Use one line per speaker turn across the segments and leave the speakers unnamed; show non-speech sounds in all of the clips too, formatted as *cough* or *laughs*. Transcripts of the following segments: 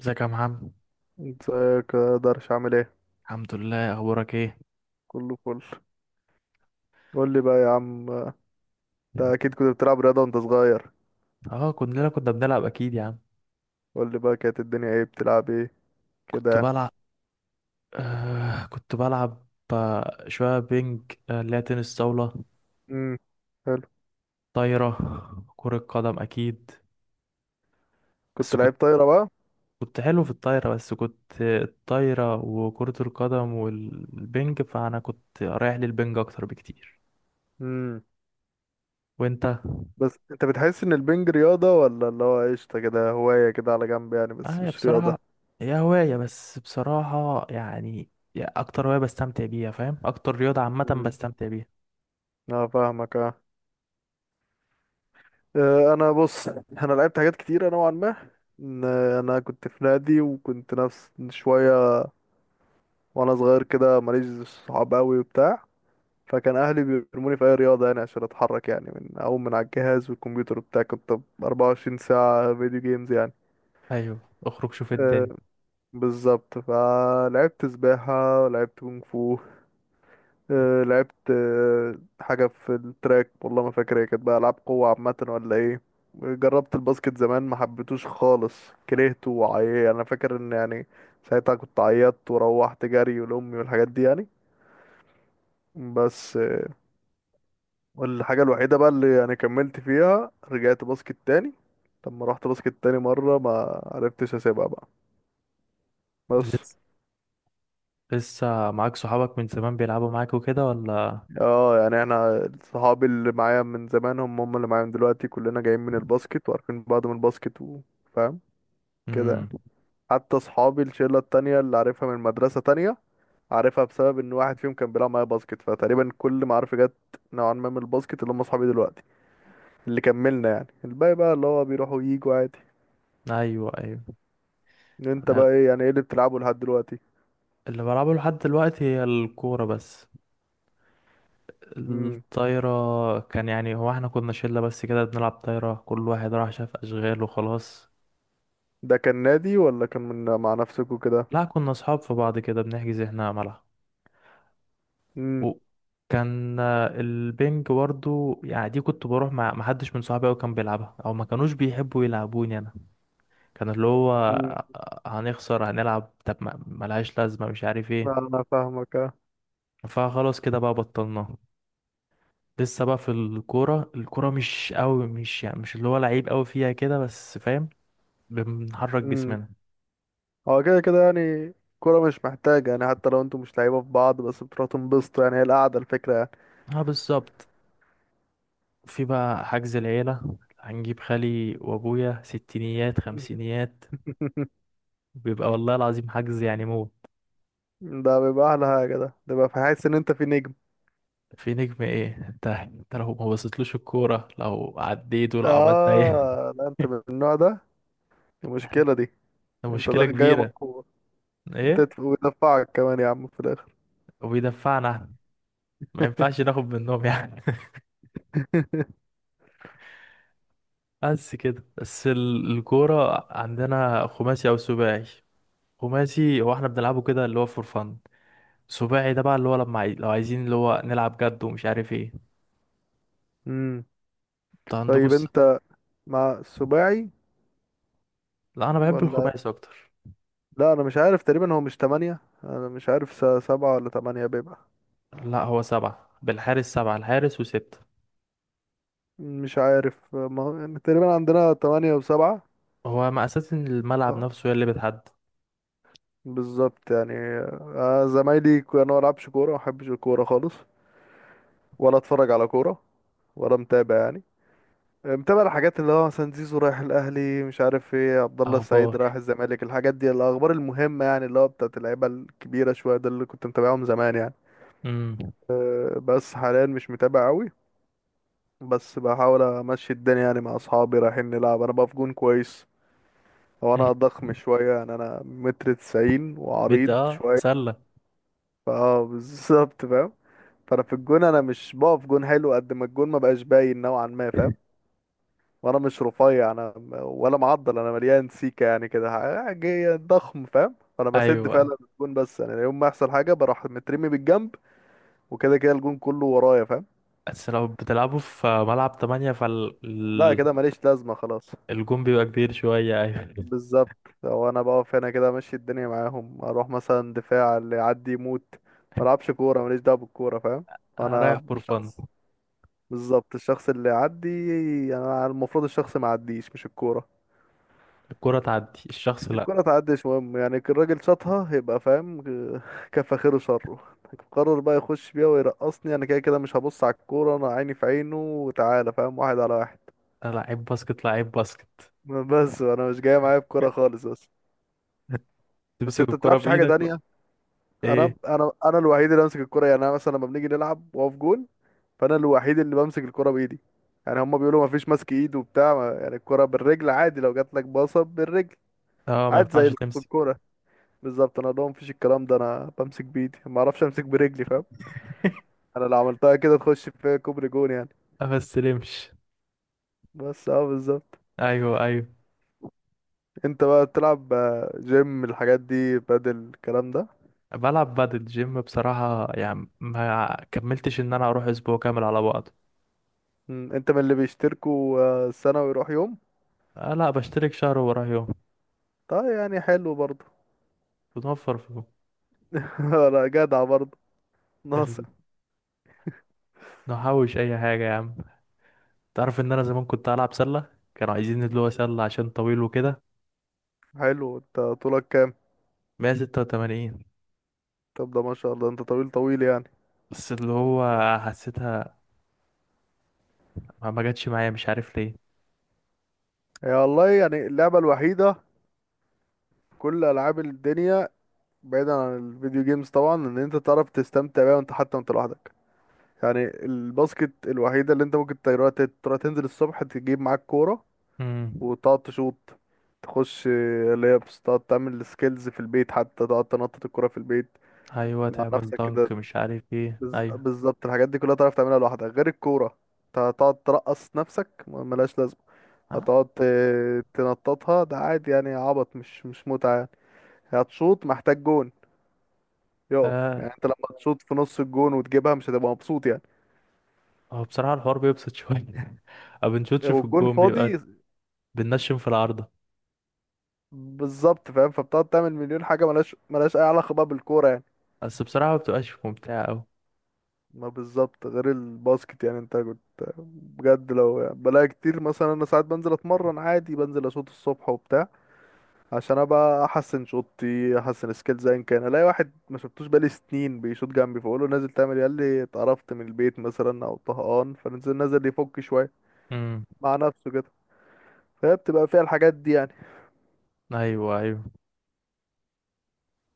ازيك يا محمد.
ازيك يا درش؟ عامل ايه؟
الحمد لله، اخبارك ايه؟
كله فل. قول لي بقى يا عم انت، اكيد كنت بتلعب رياضه وانت صغير.
اه، كلنا كنا بنلعب اكيد يا عم.
قول لي بقى، كانت الدنيا ايه؟ بتلعب ايه
كنت
كده يعني؟
بلعب كنت بلعب شويه بينج، اللي هي تنس طاوله.
امم. حلو.
طايره، كره قدم اكيد. بس
كنت لعيب
كنت
طايره بقى؟
كنت حلو في الطايره، بس كنت الطايره وكره القدم والبينج، فانا كنت رايح للبينج اكتر بكتير.
امم.
وانت؟
بس انت بتحس ان البنج رياضه ولا اللي هو قشطه كده، هوايه كده على جنب يعني
اه
بس
يا
مش رياضه؟
بصراحه، هي هوايه، بس بصراحه يعني، يا اكتر هوايه بستمتع بيها، فاهم؟ اكتر رياضه عامه
امم.
بستمتع بيها.
اه فاهمك اه. اه، انا بص، انا لعبت حاجات كتيره نوعا ما. ان انا كنت في نادي وكنت نفس شويه، وانا صغير كده ماليش صحاب قوي وبتاع، فكان اهلي بيرموني في اي رياضه يعني عشان اتحرك يعني، من اقوم من على الجهاز والكمبيوتر وبتاع، كنت 24 ساعه فيديو جيمز يعني.
ايوه، اخرج شوف
أه
الدنيا.
بالظبط. فلعبت سباحه ولعبت كونغ فو، أه لعبت حاجه في التراك، والله ما فاكر هي كانت بقى العاب قوه عامه ولا ايه. جربت الباسكت زمان، ما حبيتوش خالص، كرهته وعيا. انا فاكر ان يعني ساعتها كنت عيطت وروحت جري ولامي والحاجات دي يعني. بس. والحاجة الوحيدة بقى اللي يعني كملت فيها، رجعت باسكت تاني. لما رحت باسكت تاني مرة ما عرفتش اسيبها بقى. بس.
لسه لسه معاك صحابك من زمان بيلعبوا معاك وكده ولا؟
اه يعني احنا، صحابي اللي معايا من زمان هم هم اللي معايا من دلوقتي. كلنا جايين من الباسكت وعارفين بعض من الباسكت وفاهم كده يعني.
امم.
حتى صحابي الشلة التانية اللي عارفها من مدرسة تانية، عارفها بسبب ان واحد فيهم كان بيلعب معايا باسكت. فتقريبا كل معارفي جت نوعا ما من الباسكت، اللي هم صحابي دلوقتي اللي كملنا يعني. الباقي بقى اللي هو بيروحوا وييجوا عادي.
ايوه ايوه.
انت
انا
بقى ايه يعني؟ ايه اللي بتلعبه لحد دلوقتي؟
اللي بلعبه لحد دلوقتي هي الكوره بس.
امم.
الطايره كان يعني، هو احنا كنا شله بس كده بنلعب طايره، كل واحد راح شاف اشغال وخلاص.
ده كان نادي ولا كان من مع نفسك وكده؟
لا، كنا اصحاب في بعض كده، بنحجز احنا ملعب.
امم.
وكان البنج برضو، يعني دي كنت بروح مع محدش من صحابي أوي كان بيلعبها، او ما كانوش بيحبوا يلعبوني انا. كان اللي هو
امم.
هنخسر هنلعب، طب ملهاش لازمة، مش عارف ايه.
انا فاهمك اه.
فخلاص كده بقى بطلناه. لسه بقى في الكورة، الكورة مش قوي، مش يعني مش اللي هو لعيب قوي فيها كده، بس فاهم. بنحرك
امم.
جسمنا.
هو كده كده يعني. كرة مش محتاجة يعني، حتى لو انتوا مش لعيبة في بعض، بس بتروحوا تنبسطوا يعني. هي القعدة الفكرة يعني.
اه بالظبط. في بقى حجز العيلة، هنجيب خالي وابويا ستينيات خمسينيات.
*laughs*
بيبقى والله العظيم حجز يعني موت.
ده بيبقى أحلى حاجة. ده بيبقى في، حاسس إن أنت في نجم.
في نجم ايه؟ انت انت لو ما بصيتلوش الكورة، لو عديت، ولو عملت اي.
آه لا أنت من
*laughs*
النوع ده. المشكلة دي.
ده
أنت
مشكلة
داخل جاي من
كبيرة.
الكورة،
ايه؟
ويدفعك كمان يا عم في الآخر.
وبيدفعنا احنا. ما ينفعش ناخد منهم يعني. *laughs* بس كده، الكورة عندنا خماسي أو سباعي. خماسي هو احنا بنلعبه كده اللي هو فور فن. سباعي ده بقى اللي هو لما لو عايزين اللي هو نلعب جد، ومش عارف ايه.
امم.
انت عندكوا
طيب
الس...
أنت مع السباعي
لا انا بحب
ولا؟
الخماسي اكتر.
لا انا مش عارف، تقريبا هو مش تمانية؟ انا مش عارف سبعة ولا تمانية بيبقى.
لا هو سبعة بالحارس، سبعة الحارس وستة.
مش عارف، ما هو يعني تقريبا عندنا تمانية وسبعة.
هو مقاسات الملعب
اه
نفسه هي اللي بتحدد.
بالظبط يعني. زمايلي يعني انا ما بلعبش كورة، ما بحبش الكورة خالص، ولا اتفرج على كورة، ولا متابع يعني. متابع الحاجات اللي هو مثلا زيزو رايح الاهلي، مش عارف ايه، عبد الله
اخبار.
السعيد رايح الزمالك، الحاجات دي، الاخبار المهمة يعني اللي هو بتاعت اللعيبة الكبيرة شوية، ده اللي كنت متابعهم زمان يعني.
امم.
بس حاليا مش متابع قوي، بس بحاول امشي الدنيا يعني مع اصحابي رايحين نلعب. انا بقى في جون كويس، هو انا ضخم شويه يعني، انا متر تسعين
بت
وعريض
اه
شويه.
سلة.
فاه بالظبط فاهم. فانا في الجون، انا مش بقف جون حلو قد ما الجون ما بقاش باين نوعا ما، فاهم. وانا مش رفيع، انا ولا معضل، انا مليان سيكه يعني كده، جاي ضخم فاهم. فانا بسد
ايوه أيوة.
فعلا الجون، بس انا يوم ما يحصل حاجه بروح مترمي بالجنب، وكده كده الجون كله ورايا فاهم.
بس لو بتلعبوا في ملعب تمانية،
لا
فالحارس،
كده ماليش لازمه خلاص.
الجون بيبقى كبير شوية، أيوة.
بالظبط. لو انا بقف هنا كده امشي الدنيا معاهم، اروح مثلا دفاع، اللي يعدي يموت. ما العبش كوره، ماليش دعوه بالكوره فاهم.
أنا رايح
انا
فور فن.
الشخص، بالظبط الشخص اللي يعدي. يعني انا المفروض الشخص ما يعديش مش الكوره.
الكرة تعدي الشخص،
*laughs*
لأ.
الكوره تعديش مهم يعني، الراجل شاطها يبقى فاهم. *laughs* كفى خيره شره. قرر بقى يخش بيها ويرقصني، انا كده كده مش هبص على الكوره، انا عيني في عينه وتعالى فاهم، واحد على واحد.
أنا لعيب باسكت، لعيب باسكت.
*laughs* بس انا مش جاي معايا بكوره
*laughs*
خالص بس. بس
تمسك
انت
الكرة
تلعبش حاجه
بإيدك بقى.
تانية. انا
إيه؟
انا انا الوحيد اللي بمسك الكرة يعني. انا مثلا لما بنيجي نلعب واقف جون، فانا الوحيد اللي بمسك الكرة بايدي. يعني هما بيقولوا ما فيش ماسك ايد وبتاع، يعني الكرة بالرجل عادي، لو جات لك باصة بالرجل
أه ما
عادي
ينفعش
زي
تمسك.
الكرة. بالظبط، انا لهم مفيش الكلام ده، انا بمسك بايدي، ما اعرفش امسك برجلي فاهم. انا لو عملتها كده تخش في كوبري جون يعني.
ما استلمش.
بس اه بالظبط.
أيوه أيوه.
انت بقى بتلعب جيم، الحاجات دي بدل الكلام ده؟
بلعب بادل جيم بصراحة، يعني ما كملتش إن أنا أروح أسبوع كامل على بعض.
انت من اللي بيشتركوا سنة ويروح يوم؟
آه لأ، بشترك شهر وراه يوم.
طيب يعني حلو برضه.
بنوفر فلوس.
*laughs* لا جدع برضه. ناقص.
ال- نحوش أي حاجة يا عم. تعرف إن أنا زمان كنت ألعب سلة، كانوا عايزين اللي هو سلة عشان طويل وكده.
حلو، انت طولك كام؟
186.
طب ده ما شاء الله، انت طويل طويل يعني.
بس اللي هو حسيتها، ما جاتش معايا، مش عارف ليه.
هي والله يعني اللعبة الوحيدة في كل ألعاب الدنيا، بعيدا عن الفيديو جيمز طبعا، ان انت تعرف تستمتع بيها وانت حتى وانت لوحدك، يعني الباسكت الوحيدة اللي انت ممكن تروح تروح تنزل الصبح تجيب معاك كورة
امم.
وتقعد تشوط، تخش لابس، تقعد تعمل سكيلز في البيت، حتى تقعد تنطط الكورة في البيت
ايوه
مع
تعمل
نفسك
دنك
كده.
مش عارف ايه ايوه.
بالظبط، الحاجات دي كلها تعرف تعملها لوحدك غير الكورة. انت هتقعد ترقص نفسك ملهاش لازمة، هتقعد تنططها ده عادي يعني، عبط مش متعة يعني، هتشوط محتاج جون يقف
آه.
يعني، انت لما تشوط في نص الجون وتجيبها مش هتبقى مبسوط يعني،
هو بصراحة الحوار بيبسط شوية. *laughs* ما بنشوطش في
والجون
الجون، بيبقى
فاضي.
بننشم في العارضة.
بالظبط فاهم، فبتقعد تعمل مليون حاجة ملهاش أي علاقة بقى بالكورة يعني.
بس بصراحة ما بتبقاش ممتعة أوي.
ما بالظبط غير الباسكت يعني. انت كنت بجد لو يعني، بلاقي كتير مثلا، انا ساعات بنزل اتمرن عادي، بنزل اشوط الصبح وبتاع عشان ابقى احسن شوطي احسن سكيلز، ايا كان الاقي واحد ما شفتوش بقالي سنين بيشوط جنبي، فاقول له نازل تعمل ايه؟ قال لي اتقرفت من البيت مثلا او طهقان، فنزل نازل يفك شويه
امم.
مع نفسه كده. فهي بتبقى فيها الحاجات دي يعني.
أيوه أيوه.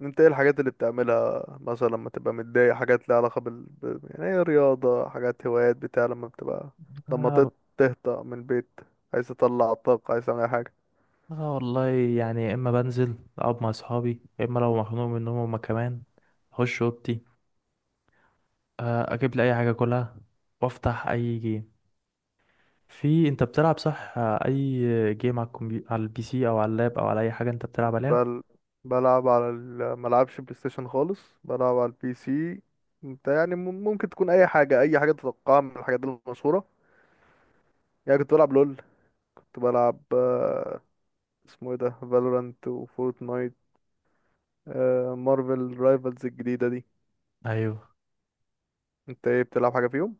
انت ايه الحاجات اللي بتعملها مثلا لما تبقى متضايق، حاجات ليها علاقه يعني ايه، رياضه، حاجات، هوايات، بتاع لما بتبقى، لما
آه, ب...
تهطأ من البيت، عايز تطلع الطاقه، عايز تعمل اي حاجه؟
آه والله، يعني يا إما بنزل أقعد مع أصحابي، يا إما لو مخنوق منهم هما كمان، أخش أوضتي، آه، أجيب لي أي حاجة أكلها، وأفتح أي جيم. في انت بتلعب صح، اي جيم على الكمبيوتر، على البي سي او على اللاب او على اي حاجه انت بتلعب عليها.
بل بلعب على ملعبش بلاي ستيشن خالص، بلعب على البي سي. انت يعني ممكن تكون اي حاجة، اي حاجة تتوقعها من الحاجات المشهورة. يعني كنت بلعب لول، كنت بلعب اسمه ايه ده، فالورانت وفورتنايت، مارفل رايفلز الجديدة دي.
ايوه.
انت ايه بتلعب حاجة فيهم؟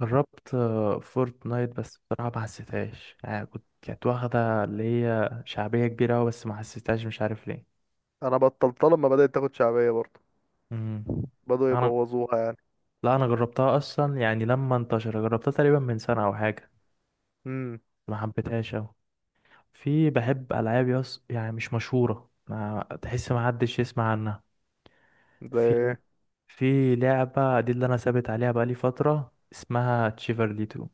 جربت فورتنايت، بس بصراحه ما حسيتهاش يعني، كنت كانت واخده اللي هي شعبيه كبيره أوي، بس ما حسيتهاش مش عارف ليه.
انا بطلتها لما بدأت تاخد شعبية برضه،
امم.
بدأوا
انا
يبوظوها يعني.
لا انا جربتها اصلا، يعني لما انتشر جربتها تقريبا من سنه او حاجه.
امم.
ما حبيتهاش أوي. في بحب العاب يص يعني مش مشهوره، ما تحس ما حدش يسمع عنها.
زي
في
ايه؟
في لعبة دي اللي أنا ثابت عليها بقالي فترة، اسمها تشيفرلي 2.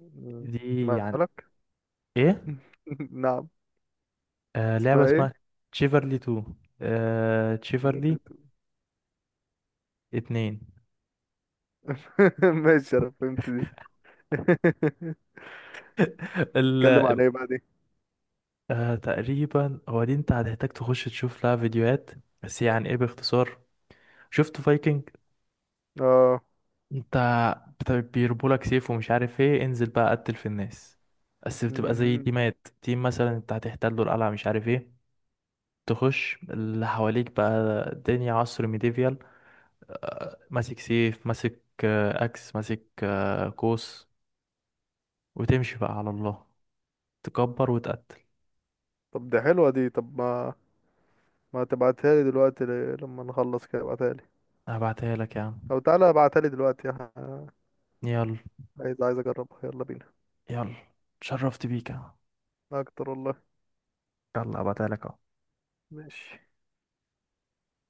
مم،
دي يعني.
مالك؟
إيه؟
*laughs* نعم.
آه لعبة
اسمها ايه؟
اسمها تشيفرلي 2. آه تشيفرلي 2.
*laughs* ماشي انا فهمت دي. *laughs*
*laughs*
اتكلم
ال...
عن ايه بقى دي؟
آه تقريبا هو دي، أنت هتحتاج تخش تشوف لها فيديوهات، بس يعني إيه باختصار. شفت فايكنج؟
اه
أنت بيربولك سيف ومش عارف إيه، انزل بقى قتل في الناس. بس بتبقى زي
مهم.
تيمات، تيم مثلا أنت هتحتله القلعة مش عارف إيه. تخش اللي حواليك بقى. الدنيا عصر ميديفيال، ماسك سيف، ماسك اكس، ماسك قوس. وتمشي بقى على الله، تكبر وتقتل.
طب دي حلوة دي، طب ما، ما تبعتها لي دلوقتي، لما نخلص كده ابعتها لي،
هبعتها لك يا عم.
او تعالى ابعتها لي دلوقتي
يلا.
عايز اجربها، يلا بينا.
يلا اتشرفت بيك يا عم.
اكتر والله.
يلا هبعتها لك اهو.
ماشي.